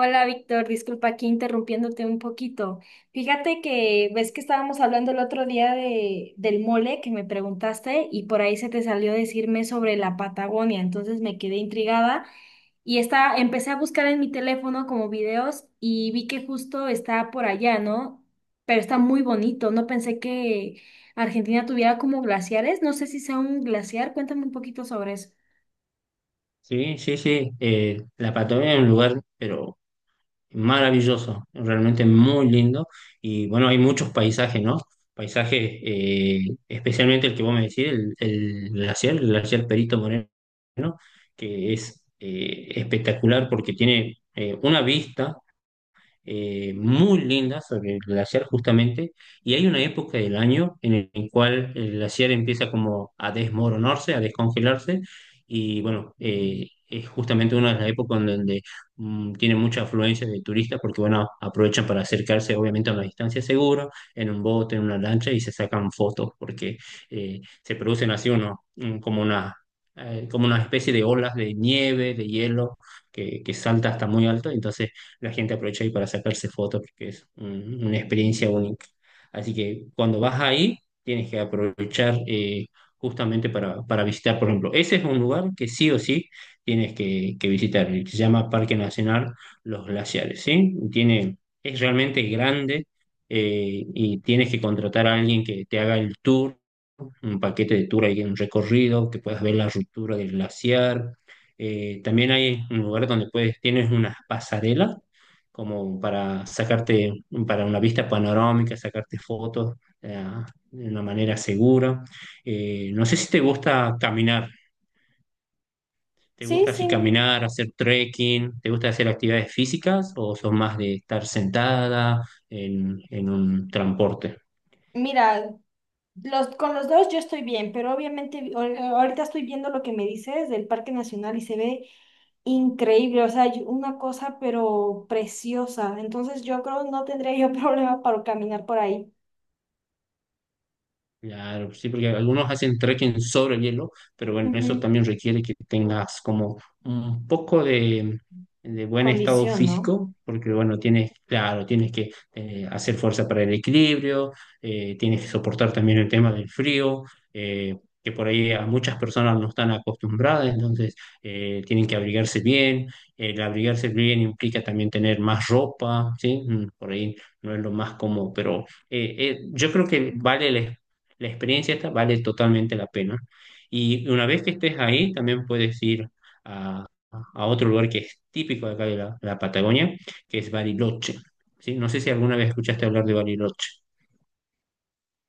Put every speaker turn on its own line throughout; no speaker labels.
Hola, Víctor, disculpa aquí interrumpiéndote un poquito. Fíjate que ves que estábamos hablando el otro día del mole que me preguntaste y por ahí se te salió decirme sobre la Patagonia, entonces me quedé intrigada y empecé a buscar en mi teléfono como videos y vi que justo está por allá, ¿no? Pero está muy bonito, no pensé que Argentina tuviera como glaciares, no sé si sea un glaciar, cuéntame un poquito sobre eso.
Sí, sí, sí. La Patagonia es un lugar, pero maravilloso, realmente muy lindo. Y bueno, hay muchos paisajes, ¿no? Paisajes, especialmente el que vos me decís, el glaciar Perito Moreno, que es espectacular porque tiene una vista muy linda sobre el glaciar justamente, y hay una época del año en el cual el glaciar empieza como a desmoronarse, a descongelarse, y bueno, es justamente una de las épocas en donde tiene mucha afluencia de turistas porque bueno, aprovechan para acercarse obviamente a una distancia segura, en un bote, en una lancha, y se sacan fotos porque se producen así uno, mm, como una especie de olas de nieve, de hielo, que salta hasta muy alto, entonces la gente aprovecha ahí para sacarse fotos porque una experiencia única. Así que cuando vas ahí, tienes que aprovechar justamente para visitar, por ejemplo, ese es un lugar que sí o sí tienes que visitar, y se llama Parque Nacional Los Glaciares, ¿sí? Tiene, es realmente grande y tienes que contratar a alguien que te haga el tour un paquete de tour ahí, un recorrido, que puedas ver la ruptura del glaciar. También hay un lugar donde puedes, tienes unas pasarelas como para sacarte, para una vista panorámica, sacarte fotos eh, de una manera segura. No sé si te gusta caminar, ¿te
Sí,
gusta
sí.
así caminar, hacer trekking? ¿Te gusta hacer actividades físicas o sos más de estar sentada en un transporte?
Mira, los, con los dos yo estoy bien, pero obviamente ahorita estoy viendo lo que me dices del Parque Nacional y se ve increíble, o sea, una cosa pero preciosa. Entonces yo creo no tendría yo problema para caminar por ahí.
Claro, sí, porque algunos hacen trekking sobre el hielo, pero bueno, eso
Ujú.
también requiere que tengas como un poco de buen estado
Condición, ¿no?
físico, porque bueno, tienes, claro, tienes que hacer fuerza para el equilibrio, tienes que soportar también el tema del frío, eh, que por ahí a muchas personas no están acostumbradas, entonces tienen que abrigarse bien. El abrigarse bien implica también tener más ropa, ¿sí? Mm, por ahí no es lo más cómodo, pero yo creo que vale la experiencia, esta vale totalmente la pena. Y una vez que estés ahí, también puedes ir a otro lugar que es típico de acá de la Patagonia, que es Bariloche. ¿Sí? No sé si alguna vez escuchaste hablar de Bariloche.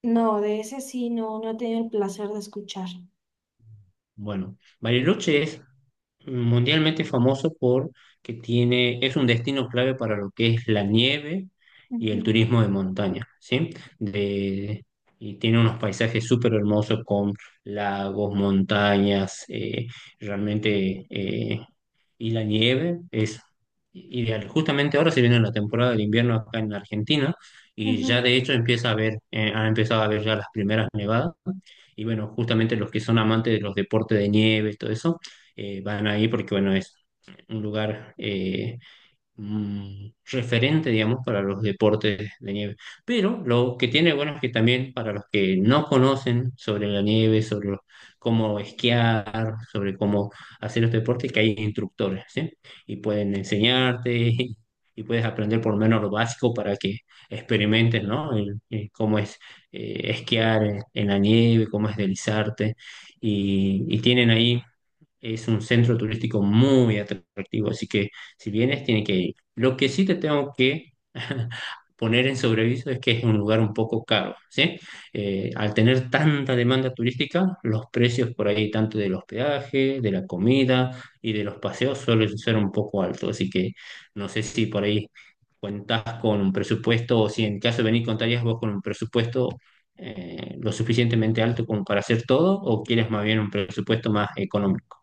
No, de ese sí, no, no he tenido el placer de escuchar.
Bueno, Bariloche es mundialmente famoso porque tiene, es un destino clave para lo que es la nieve y
Ujú,
el turismo de montaña, ¿sí? De, y tiene unos paisajes súper hermosos con lagos, montañas, realmente, y la nieve es ideal. Justamente ahora se viene la temporada del invierno acá en Argentina y ya
ujú.
de hecho empieza a haber, han empezado a haber ya las primeras nevadas. Y bueno, justamente los que son amantes de los deportes de nieve, todo eso, van ahí porque bueno, es un lugar mm, referente, digamos, para los deportes de nieve. Pero lo que tiene bueno es que también para los que no conocen sobre la nieve, cómo esquiar, sobre cómo hacer los deportes, que hay instructores, ¿sí? Y pueden enseñarte y, y puedes aprender por lo menos lo básico para que experimentes, ¿no? El cómo es esquiar en la nieve, cómo es deslizarte. Y tienen ahí es un centro turístico muy atractivo, así que si vienes, tiene que ir. Lo que sí te tengo que poner en sobreviso es que es un lugar un poco caro, ¿sí? Al tener tanta demanda turística, los precios por ahí, tanto del hospedaje, de la comida y de los paseos, suelen ser un poco altos, así que no sé si por ahí cuentas con un presupuesto o si en caso de venir contarías vos con un presupuesto lo suficientemente alto como para hacer todo o quieres más bien un presupuesto más económico.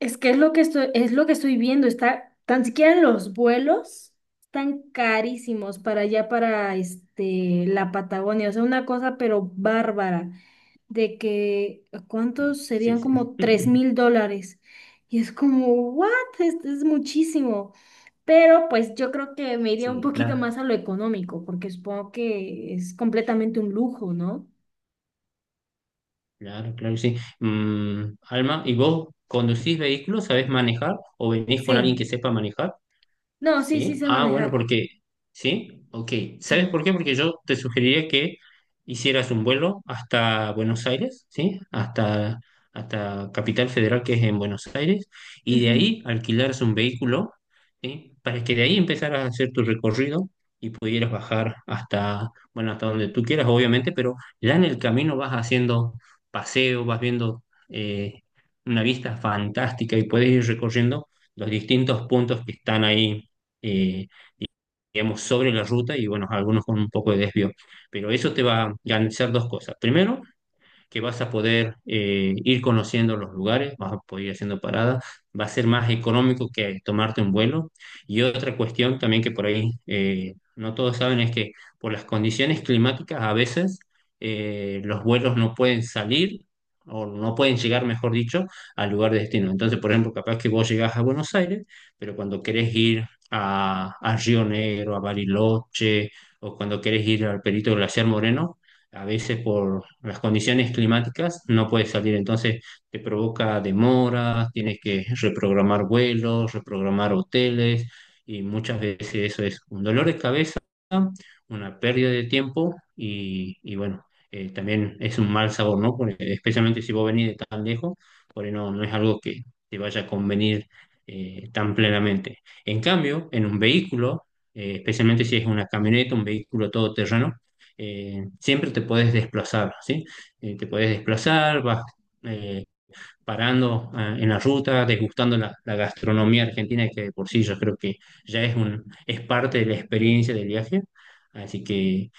Es lo que estoy viendo, está, tan siquiera los vuelos están carísimos para allá, para este, la Patagonia, o sea, una cosa pero bárbara, de que, ¿cuántos
Sí,
serían
sí.
como tres mil dólares? Y es como, ¿what? Es muchísimo, pero pues yo creo que me iría un
Sí,
poquito
claro,
más a lo económico, porque supongo que es completamente un lujo, ¿no?
claro, claro, que sí. Mm, Alma, ¿y vos conducís vehículos? ¿Sabés manejar? ¿O venís con alguien
Sí,
que sepa manejar?
no, sí, sí
Sí,
sé
ah, bueno,
manejar,
porque, sí, ok. ¿Sabes por
sí.
qué? Porque yo te sugeriría que hicieras un vuelo hasta Buenos Aires, ¿sí? Hasta, hasta Capital Federal, que es en Buenos Aires, y de ahí alquilaras un vehículo, ¿sí? Para que de ahí empezaras a hacer tu recorrido y pudieras bajar hasta, bueno, hasta donde tú quieras, obviamente, pero ya en el camino vas haciendo paseo, vas viendo una vista fantástica y puedes ir recorriendo los distintos puntos que están ahí eh, di- digamos, sobre la ruta y bueno, algunos con un poco de desvío. Pero eso te va a garantizar dos cosas. Primero, que vas a poder ir conociendo los lugares, vas a poder ir haciendo paradas, va a ser más económico que tomarte un vuelo. Y otra cuestión también que por ahí no todos saben es que por las condiciones climáticas a veces los vuelos no pueden salir o no pueden llegar, mejor dicho, al lugar de destino. Entonces, por ejemplo, capaz que vos llegás a Buenos Aires, pero cuando querés ir a Río Negro, a Bariloche, o cuando querés ir al Perito Glaciar Moreno, a veces por las condiciones climáticas no puedes salir, entonces te provoca demoras, tienes que reprogramar vuelos, reprogramar hoteles y muchas veces eso es un dolor de cabeza, una pérdida de tiempo y bueno, también es un mal sabor, ¿no? Porque especialmente si vos venís de tan lejos, por ahí no, no es algo que te vaya a convenir tan plenamente. En cambio, en un vehículo, especialmente si es una camioneta, un vehículo todoterreno, siempre te puedes desplazar, ¿sí? Te puedes desplazar, vas eh, parando ah, en la ruta, degustando la gastronomía argentina, que de por sí yo creo que ya es, un, es parte de la experiencia del viaje. Así que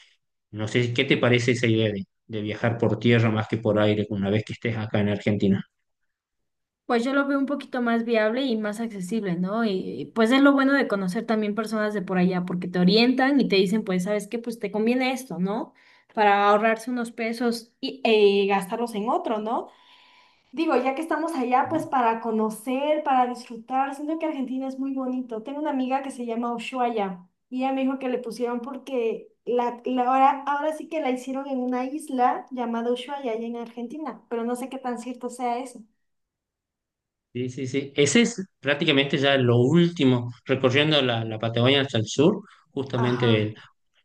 no sé qué te parece esa idea de viajar por tierra más que por aire una vez que estés acá en Argentina.
Pues yo lo veo un poquito más viable y más accesible, ¿no? Y pues es lo bueno de conocer también personas de por allá, porque te orientan y te dicen, pues, ¿sabes qué? Pues te conviene esto, ¿no? Para ahorrarse unos pesos y gastarlos en otro, ¿no? Digo, ya que estamos allá, pues para conocer, para disfrutar, siento que Argentina es muy bonito. Tengo una amiga que se llama Ushuaia y ella me dijo que le pusieron porque ahora, ahora sí que la hicieron en una isla llamada Ushuaia, allá en Argentina, pero no sé qué tan cierto sea eso.
Sí, sí, sí. Ese es prácticamente ya lo último, recorriendo la Patagonia hasta el sur, justamente
Ajá.
el-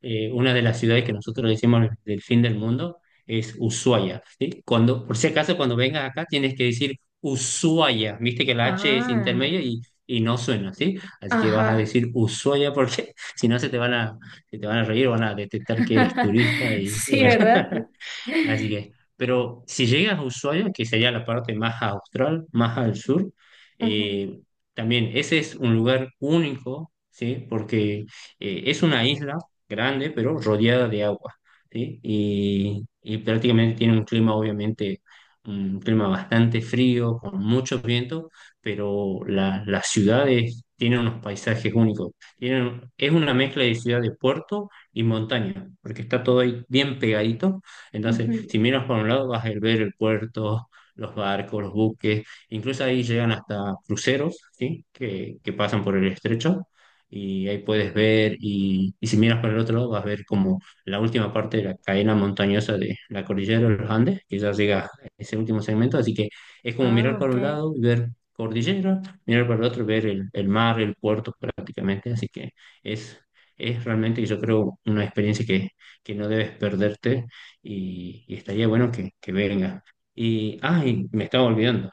una de las ciudades que nosotros le decimos del fin del mundo es Ushuaia, ¿sí? Cuando, por si acaso, cuando vengas acá tienes que decir Ushuaia, viste que la H es
Ah,
intermedia y no suena, ¿sí? Así que vas a
ajá.
decir Ushuaia porque si no se te van a, se te van a reír, van a detectar que eres turista y
Sí,
bueno.
¿verdad?
Así que, pero si llegas a Ushuaia, que sería la parte más austral, más al sur,
Ujú,
eh, también ese es un lugar único, ¿sí? Porque es una isla grande, pero rodeada de agua, ¿sí? Y prácticamente tiene un clima, obviamente, un clima bastante frío, con mucho viento, pero las ciudades tienen unos paisajes únicos. Tienen, es una mezcla de ciudad de puerto y montaña, porque está todo ahí bien pegadito entonces, si
ujú.
miras por un lado, vas a ver el puerto, los barcos, los buques, incluso ahí llegan hasta cruceros, ¿sí? Que pasan por el estrecho. Y ahí puedes ver, y si miras por el otro lado, vas a ver como la última parte de la cadena montañosa de la cordillera de los Andes, que ya llega a ese último segmento. Así que es como
Ah,
mirar para
ok.
un lado y ver cordillera, mirar para el otro, ver el mar, el puerto prácticamente. Así que es, es realmente, yo creo, una experiencia que no debes perderte y estaría bueno que venga. Y, ah, y me estaba olvidando.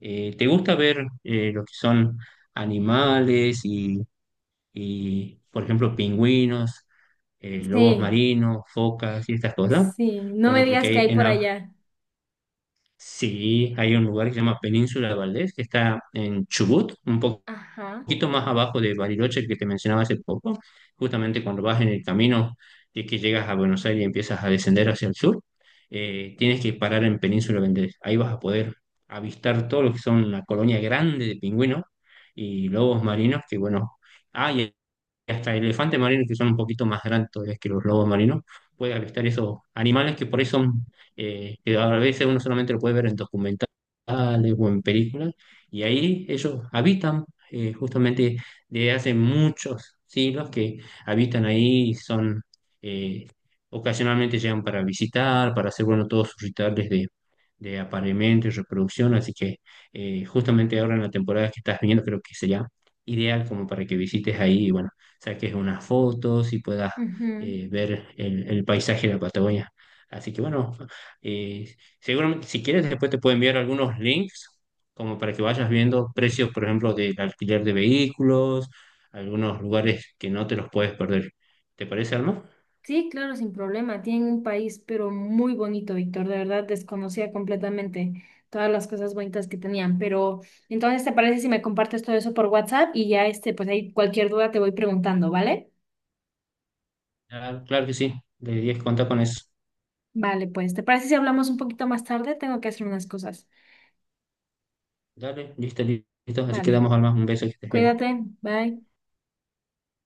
¿Te gusta ver lo que son animales y, por ejemplo, pingüinos, lobos
Sí,
marinos, focas y estas cosas?
sí. No me
Bueno, porque
digas
hay
que hay
en
por allá.
sí, hay un lugar que se llama Península de Valdés, que está en Chubut, un poco
Ajá.
poquito más abajo de Bariloche que te mencionaba hace poco, justamente cuando vas en el camino de que llegas a Buenos Aires y empiezas a descender hacia el sur, tienes que parar en Península Vendés. Ahí vas a poder avistar todo lo que son una colonia grande de pingüinos y lobos marinos que, bueno, hay hasta elefantes marinos que son un poquito más grandes todavía que los lobos marinos, puede avistar esos animales que por ahí son, que a veces uno solamente lo puede ver en documentales o en películas, y ahí ellos habitan, justamente desde hace muchos siglos que habitan ahí, y son, eh, ocasionalmente llegan para visitar, para hacer, bueno, todos sus rituales de apareamiento y reproducción, así que justamente ahora en la temporada que estás viendo creo que sería ideal como para que visites ahí y bueno, saques unas fotos y puedas
Ujú.
ver el paisaje de la Patagonia. Así que bueno, eh, seguramente si quieres después te puedo enviar algunos links como para que vayas viendo precios, por ejemplo, del alquiler de vehículos, algunos lugares que no te los puedes perder. ¿Te parece, Alma?
Sí, claro, sin problema. Tienen un país, pero muy bonito, Víctor. De verdad, desconocía completamente todas las cosas bonitas que tenían. Pero entonces, ¿te parece si me compartes todo eso por WhatsApp? Y ya, este, pues ahí cualquier duda te voy preguntando, ¿vale?
Ah, claro que sí, deberías contar con eso.
Vale, pues, ¿te parece si hablamos un poquito más tarde? Tengo que hacer unas cosas.
Dale, listo, listo. Así
Vale.
quedamos, Alma. Un beso, que estés bien.
Cuídate, bye.